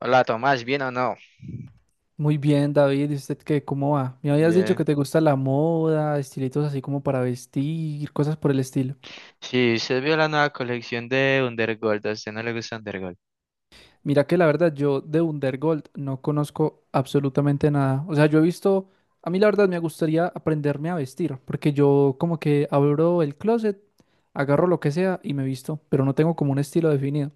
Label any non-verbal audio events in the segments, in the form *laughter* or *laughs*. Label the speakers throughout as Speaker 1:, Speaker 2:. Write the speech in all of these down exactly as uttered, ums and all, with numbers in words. Speaker 1: Hola Tomás, ¿bien o no?
Speaker 2: Muy bien, David. ¿Y usted qué? ¿Cómo va? Me habías dicho
Speaker 1: Bien.
Speaker 2: que te gusta la moda, estilitos así como para vestir, cosas por el estilo.
Speaker 1: Sí, usted vio la nueva colección de Undergold, a usted no le gusta Undergold.
Speaker 2: Mira que la verdad yo de Undergold no conozco absolutamente nada. O sea, yo he visto, a mí la verdad me gustaría aprenderme a vestir, porque yo como que abro el closet, agarro lo que sea y me visto, pero no tengo como un estilo definido.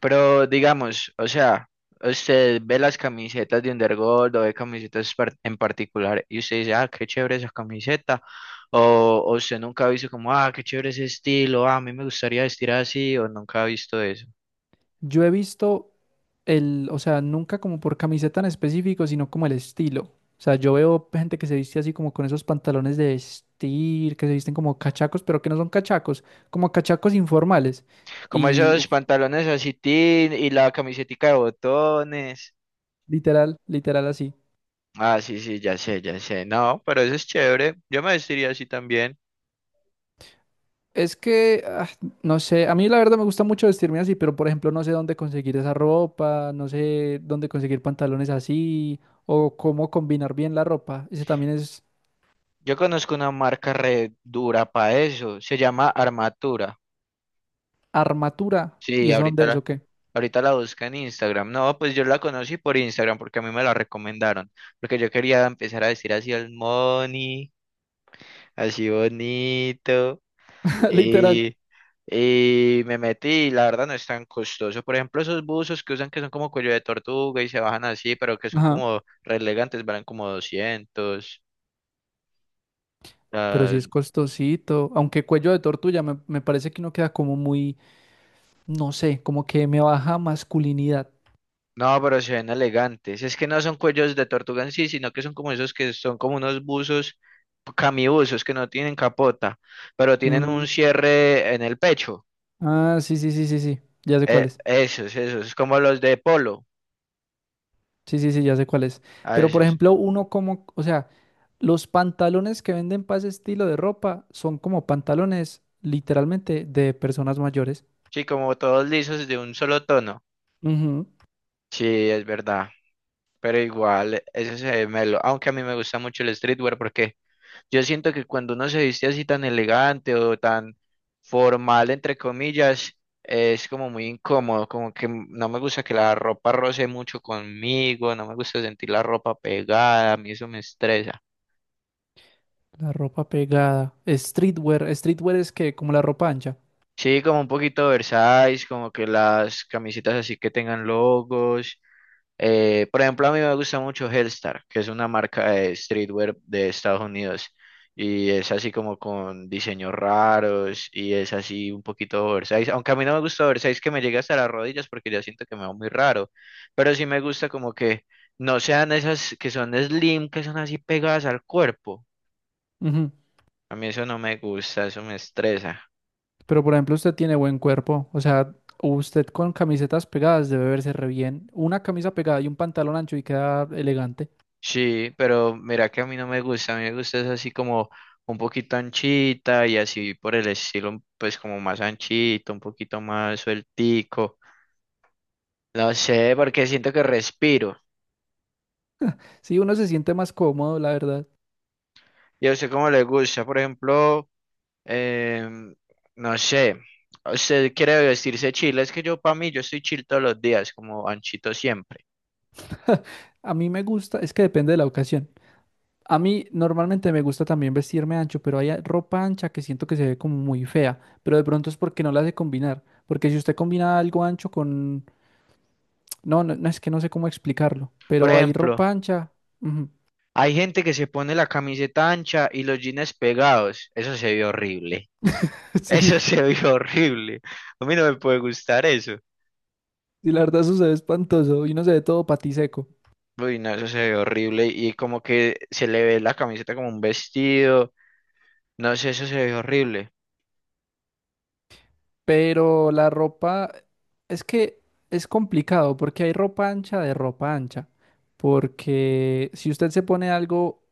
Speaker 1: Pero digamos, o sea, usted ve las camisetas de Undergold o ve camisetas par- en particular y usted dice, ah, qué chévere esa camiseta. O, o usted nunca ha visto como, ah, qué chévere ese estilo, ah, a mí me gustaría vestir así, o nunca ha visto eso.
Speaker 2: Yo he visto el, o sea, nunca como por camiseta en específico, sino como el estilo. O sea, yo veo gente que se viste así como con esos pantalones de vestir, que se visten como cachacos, pero que no son cachacos, como cachacos informales.
Speaker 1: Como
Speaker 2: Y
Speaker 1: esos
Speaker 2: uf,
Speaker 1: pantalones así, tin, y la camisetica de botones.
Speaker 2: literal, literal así.
Speaker 1: Ah, sí, sí, ya sé, ya sé. No, pero eso es chévere. Yo me vestiría así también.
Speaker 2: Es que, ah, no sé, a mí la verdad me gusta mucho vestirme así, pero por ejemplo no sé dónde conseguir esa ropa, no sé dónde conseguir pantalones así, o cómo combinar bien la ropa. Ese también es
Speaker 1: Yo conozco una marca re dura para eso, se llama Armatura.
Speaker 2: armatura, ¿y
Speaker 1: Sí,
Speaker 2: eso
Speaker 1: ahorita
Speaker 2: dónde es
Speaker 1: la,
Speaker 2: o qué?
Speaker 1: ahorita la busca en Instagram. No, pues yo la conocí por Instagram porque a mí me la recomendaron, porque yo quería empezar a vestir así el money, así bonito,
Speaker 2: *laughs* Literal.
Speaker 1: y, y me metí, y la verdad no es tan costoso. Por ejemplo, esos buzos que usan que son como cuello de tortuga y se bajan así, pero que son
Speaker 2: Ajá.
Speaker 1: como re elegantes, valen como doscientos.
Speaker 2: Pero sí es costosito, aunque cuello de tortuga me, me parece que no queda como muy, no sé, como que me baja masculinidad.
Speaker 1: No, pero se ven elegantes. Es que no son cuellos de tortuga en sí, sino que son como esos que son como unos buzos, camibuzos, que no tienen capota, pero tienen
Speaker 2: Mm.
Speaker 1: un cierre en el pecho.
Speaker 2: Ah, sí, sí, sí, sí, sí, ya sé
Speaker 1: Eh,
Speaker 2: cuál es.
Speaker 1: esos, esos, como los de polo,
Speaker 2: Sí, sí, sí, ya sé cuál es.
Speaker 1: a
Speaker 2: Pero por
Speaker 1: veces.
Speaker 2: ejemplo, uno como, o sea, los pantalones que venden para ese estilo de ropa son como pantalones literalmente de personas mayores.
Speaker 1: Sí, como todos lisos de un solo tono.
Speaker 2: Ujú.
Speaker 1: Sí, es verdad. Pero igual, ese se ve melo. Aunque a mí me gusta mucho el streetwear porque yo siento que cuando uno se viste así tan elegante o tan formal, entre comillas, es como muy incómodo, como que m- no me gusta que la ropa roce mucho conmigo, no me gusta sentir la ropa pegada, a mí eso me estresa.
Speaker 2: La ropa pegada. Streetwear, streetwear es que como la ropa ancha.
Speaker 1: Sí, como un poquito oversize, como que las camisetas así que tengan logos. Eh, por ejemplo, a mí me gusta mucho Hellstar, que es una marca de streetwear de Estados Unidos. Y es así como con diseños raros y es así un poquito oversize. Aunque a mí no me gusta oversize que me llegue hasta las rodillas porque ya siento que me va muy raro. Pero sí me gusta como que no sean esas que son slim, que son así pegadas al cuerpo.
Speaker 2: Ujú.
Speaker 1: A mí eso no me gusta, eso me estresa.
Speaker 2: Pero por ejemplo, usted tiene buen cuerpo, o sea, usted con camisetas pegadas debe verse re bien. Una camisa pegada y un pantalón ancho y queda elegante.
Speaker 1: Sí, pero mira que a mí no me gusta, a mí me gusta es así como un poquito anchita y así por el estilo, pues como más anchito, un poquito más sueltico. No sé, porque siento que respiro.
Speaker 2: Sí, uno se siente más cómodo, la verdad.
Speaker 1: ¿Y a usted cómo le gusta? Por ejemplo, em, no sé, usted quiere vestirse chill, es que yo para mí, yo estoy chill todos los días, como anchito siempre.
Speaker 2: *laughs* A mí me gusta, es que depende de la ocasión. A mí normalmente me gusta también vestirme ancho, pero hay ropa ancha que siento que se ve como muy fea, pero de pronto es porque no la hace combinar, porque si usted combina algo ancho con... No, no, no, es que no sé cómo explicarlo,
Speaker 1: Por
Speaker 2: pero hay
Speaker 1: ejemplo,
Speaker 2: ropa ancha. Ujú.
Speaker 1: hay gente que se pone la camiseta ancha y los jeans pegados, eso se ve horrible.
Speaker 2: *laughs* Sí,
Speaker 1: Eso se ve horrible. A mí no me puede gustar eso.
Speaker 2: sí, la verdad eso se ve espantoso y uno se ve todo patiseco.
Speaker 1: Uy, no, eso se ve horrible. Y como que se le ve la camiseta como un vestido. No sé, eso se ve horrible.
Speaker 2: Pero la ropa es que es complicado porque hay ropa ancha de ropa ancha. Porque si usted se pone algo,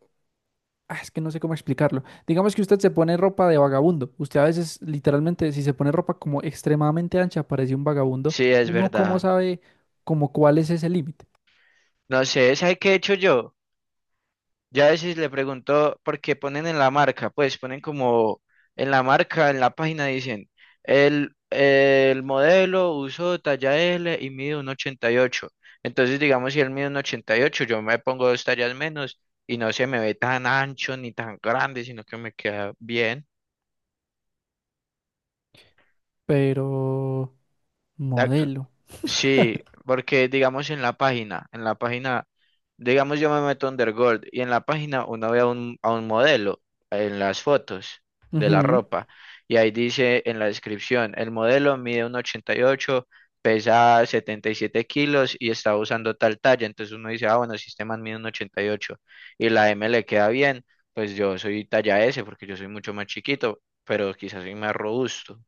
Speaker 2: ah, es que no sé cómo explicarlo. Digamos que usted se pone ropa de vagabundo. Usted a veces literalmente si se pone ropa como extremadamente ancha parece un vagabundo.
Speaker 1: Sí, es
Speaker 2: Uno cómo
Speaker 1: verdad.
Speaker 2: sabe como cuál es ese límite.
Speaker 1: No sé, ¿sabe qué he hecho yo? Ya a veces le pregunto, porque ponen en la marca, pues ponen como en la marca, en la página dicen, el, el modelo usó talla L y mide un ochenta y ocho. Entonces, digamos, si él mide un ochenta y ocho, yo me pongo dos tallas menos y no se me ve tan ancho ni tan grande, sino que me queda bien.
Speaker 2: Pero modelo.
Speaker 1: Sí, porque digamos en la página, en la página, digamos yo me meto a Undergold y en la página uno ve a un, a un modelo en las fotos de la
Speaker 2: Ujú.
Speaker 1: ropa y ahí dice en la descripción, el modelo mide uno ochenta y ocho, pesa setenta y siete kilos y está usando tal talla, entonces uno dice, ah, bueno, si este man mide uno ochenta y ocho y ocho y la M le queda bien, pues yo soy talla S porque yo soy mucho más chiquito, pero quizás soy más robusto.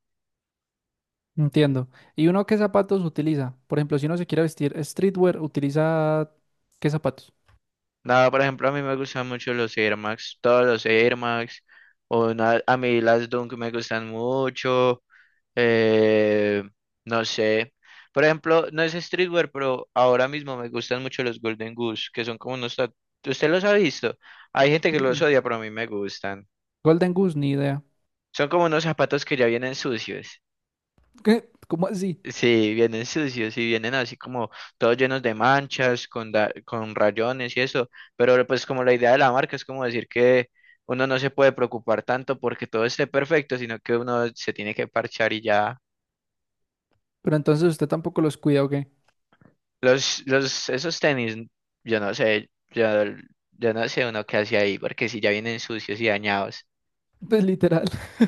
Speaker 2: Entiendo. ¿Y uno qué zapatos utiliza? Por ejemplo, si uno se quiere vestir streetwear, ¿utiliza qué zapatos?
Speaker 1: Nada, por ejemplo, a mí me gustan mucho los Air Max, todos los Air Max, o na- a mí las Dunk me gustan mucho, eh, no sé. Por ejemplo, no es streetwear, pero ahora mismo me gustan mucho los Golden Goose, que son como unos... ta- ¿Usted los ha visto? Hay gente que los odia, pero a mí me gustan.
Speaker 2: Golden Goose, ni idea.
Speaker 1: Son como unos zapatos que ya vienen sucios.
Speaker 2: ¿Qué? ¿Cómo así?
Speaker 1: Sí, vienen sucios y vienen así como todos llenos de manchas, con, da- con rayones y eso, pero pues como la idea de la marca es como decir que uno no se puede preocupar tanto porque todo esté perfecto, sino que uno se tiene que parchar y ya.
Speaker 2: Pero entonces usted tampoco los cuida, ¿o qué?
Speaker 1: Los, los, esos tenis, yo no sé, yo, yo no sé uno qué hace ahí, porque si ya vienen sucios y dañados,
Speaker 2: Pues literal. *laughs*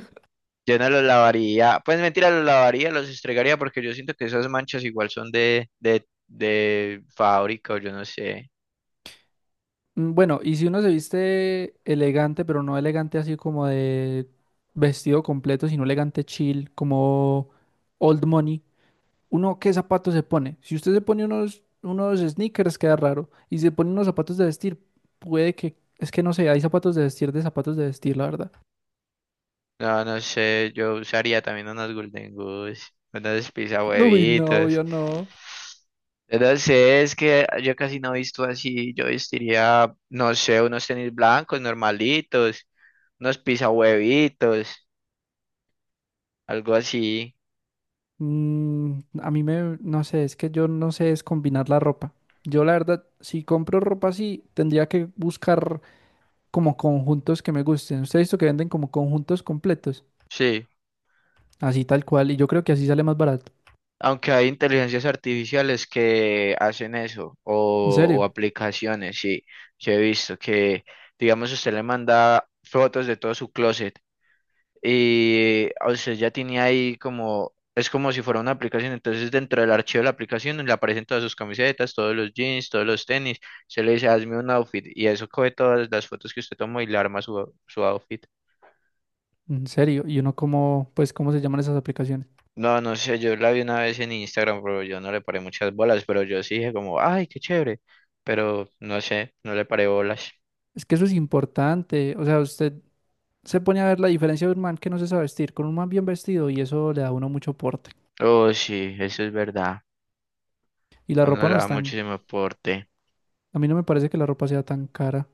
Speaker 1: yo no los lavaría, pues mentira, los lavaría, los estregaría porque yo siento que esas manchas igual son de, de, de fábrica o yo no sé.
Speaker 2: Mm. Bueno, y si uno se viste elegante, pero no elegante así como de vestido completo, sino elegante chill, como old money, ¿uno qué zapatos se pone? Si usted se pone unos, unos sneakers, queda raro. Y se pone unos zapatos de vestir, puede que... Es que no sé, hay zapatos de vestir de zapatos de vestir, la verdad.
Speaker 1: No, no sé, yo usaría también unos Golden Goose, unos pizza
Speaker 2: *laughs* Uy, no,
Speaker 1: huevitos.
Speaker 2: yo no.
Speaker 1: No sé, es que yo casi no he visto así. Yo vestiría, no sé, unos tenis blancos normalitos, unos pizza huevitos, algo así.
Speaker 2: Mm, a mí me, no sé, es que yo no sé es combinar la ropa. Yo la verdad, si compro ropa así, tendría que buscar como conjuntos que me gusten. Usted ha visto que venden como conjuntos completos,
Speaker 1: Sí,
Speaker 2: así tal cual, y yo creo que así sale más barato.
Speaker 1: aunque hay inteligencias artificiales que hacen eso,
Speaker 2: En
Speaker 1: o, o
Speaker 2: serio,
Speaker 1: aplicaciones, sí. Yo he visto que, digamos, usted le manda fotos de todo su closet, y o sea, ya tenía ahí como, es como si fuera una aplicación, entonces dentro del archivo de la aplicación le aparecen todas sus camisetas, todos los jeans, todos los tenis, se le dice, hazme un outfit, y eso coge todas las fotos que usted tomó y le arma su, su outfit.
Speaker 2: en serio. Y uno como, pues, ¿cómo se llaman esas aplicaciones?
Speaker 1: No, no sé, yo la vi una vez en Instagram, pero yo no le paré muchas bolas, pero yo sí dije como, ay, qué chévere, pero no sé, no le paré bolas.
Speaker 2: Es que eso es importante. O sea, usted se pone a ver la diferencia de un man que no se sabe vestir con un man bien vestido y eso le da a uno mucho porte.
Speaker 1: Oh, sí, eso es verdad,
Speaker 2: Y la
Speaker 1: uno
Speaker 2: ropa
Speaker 1: le
Speaker 2: no es
Speaker 1: da
Speaker 2: tan,
Speaker 1: muchísimo aporte.
Speaker 2: a mí no me parece que la ropa sea tan cara.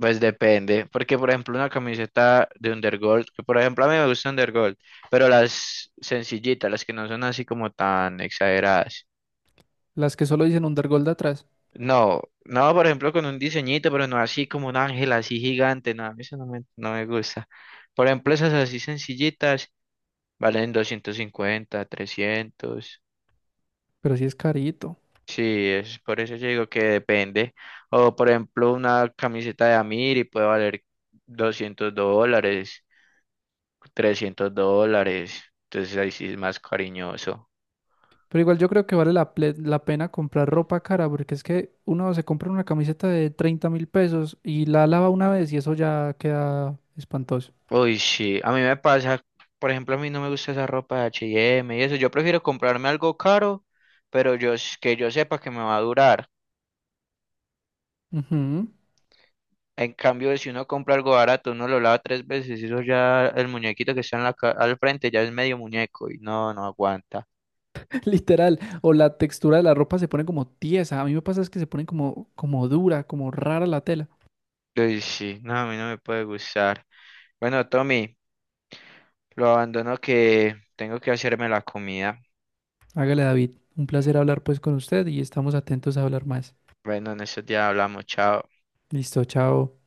Speaker 1: Pues depende, porque por ejemplo una camiseta de Undergold, que por ejemplo a mí me gusta Undergold, pero las sencillitas, las que no son así como tan exageradas.
Speaker 2: Las que solo dicen Undergold atrás.
Speaker 1: No, no, por ejemplo con un diseñito, pero no así como un ángel así gigante, no, a mí eso no me, no me gusta. Por ejemplo esas así sencillitas valen doscientos cincuenta trescientos.
Speaker 2: Pero sí es carito.
Speaker 1: Sí, es por eso yo digo que depende. O por ejemplo una camiseta de Amiri puede valer doscientos dólares. Trescientos dólares. Entonces ahí sí es más cariñoso.
Speaker 2: Pero igual yo creo que vale la, ple- la pena comprar ropa cara, porque es que uno se compra una camiseta de treinta mil pesos y la lava una vez y eso ya queda espantoso.
Speaker 1: Uy, sí, a mí me pasa, por ejemplo, a mí no me gusta esa ropa de H y M y M y eso. Yo prefiero comprarme algo caro, pero yo s- que yo sepa que me va a durar.
Speaker 2: Ujú.
Speaker 1: En cambio, si uno compra algo barato, uno lo lava tres veces y eso ya, el muñequito que está en la ca- al frente ya es medio muñeco y no, no aguanta.
Speaker 2: *laughs* Literal. O la textura de la ropa se pone como tiesa. A mí me pasa es que se pone como, como dura, como rara la tela.
Speaker 1: Uy, sí, no, a mí no me puede gustar. Bueno, Tommy, lo abandono que tengo que hacerme la comida.
Speaker 2: Hágale, David. Un placer hablar pues con usted y estamos atentos a hablar más.
Speaker 1: Bueno, en estos días hablamos, chao.
Speaker 2: Listo, chao.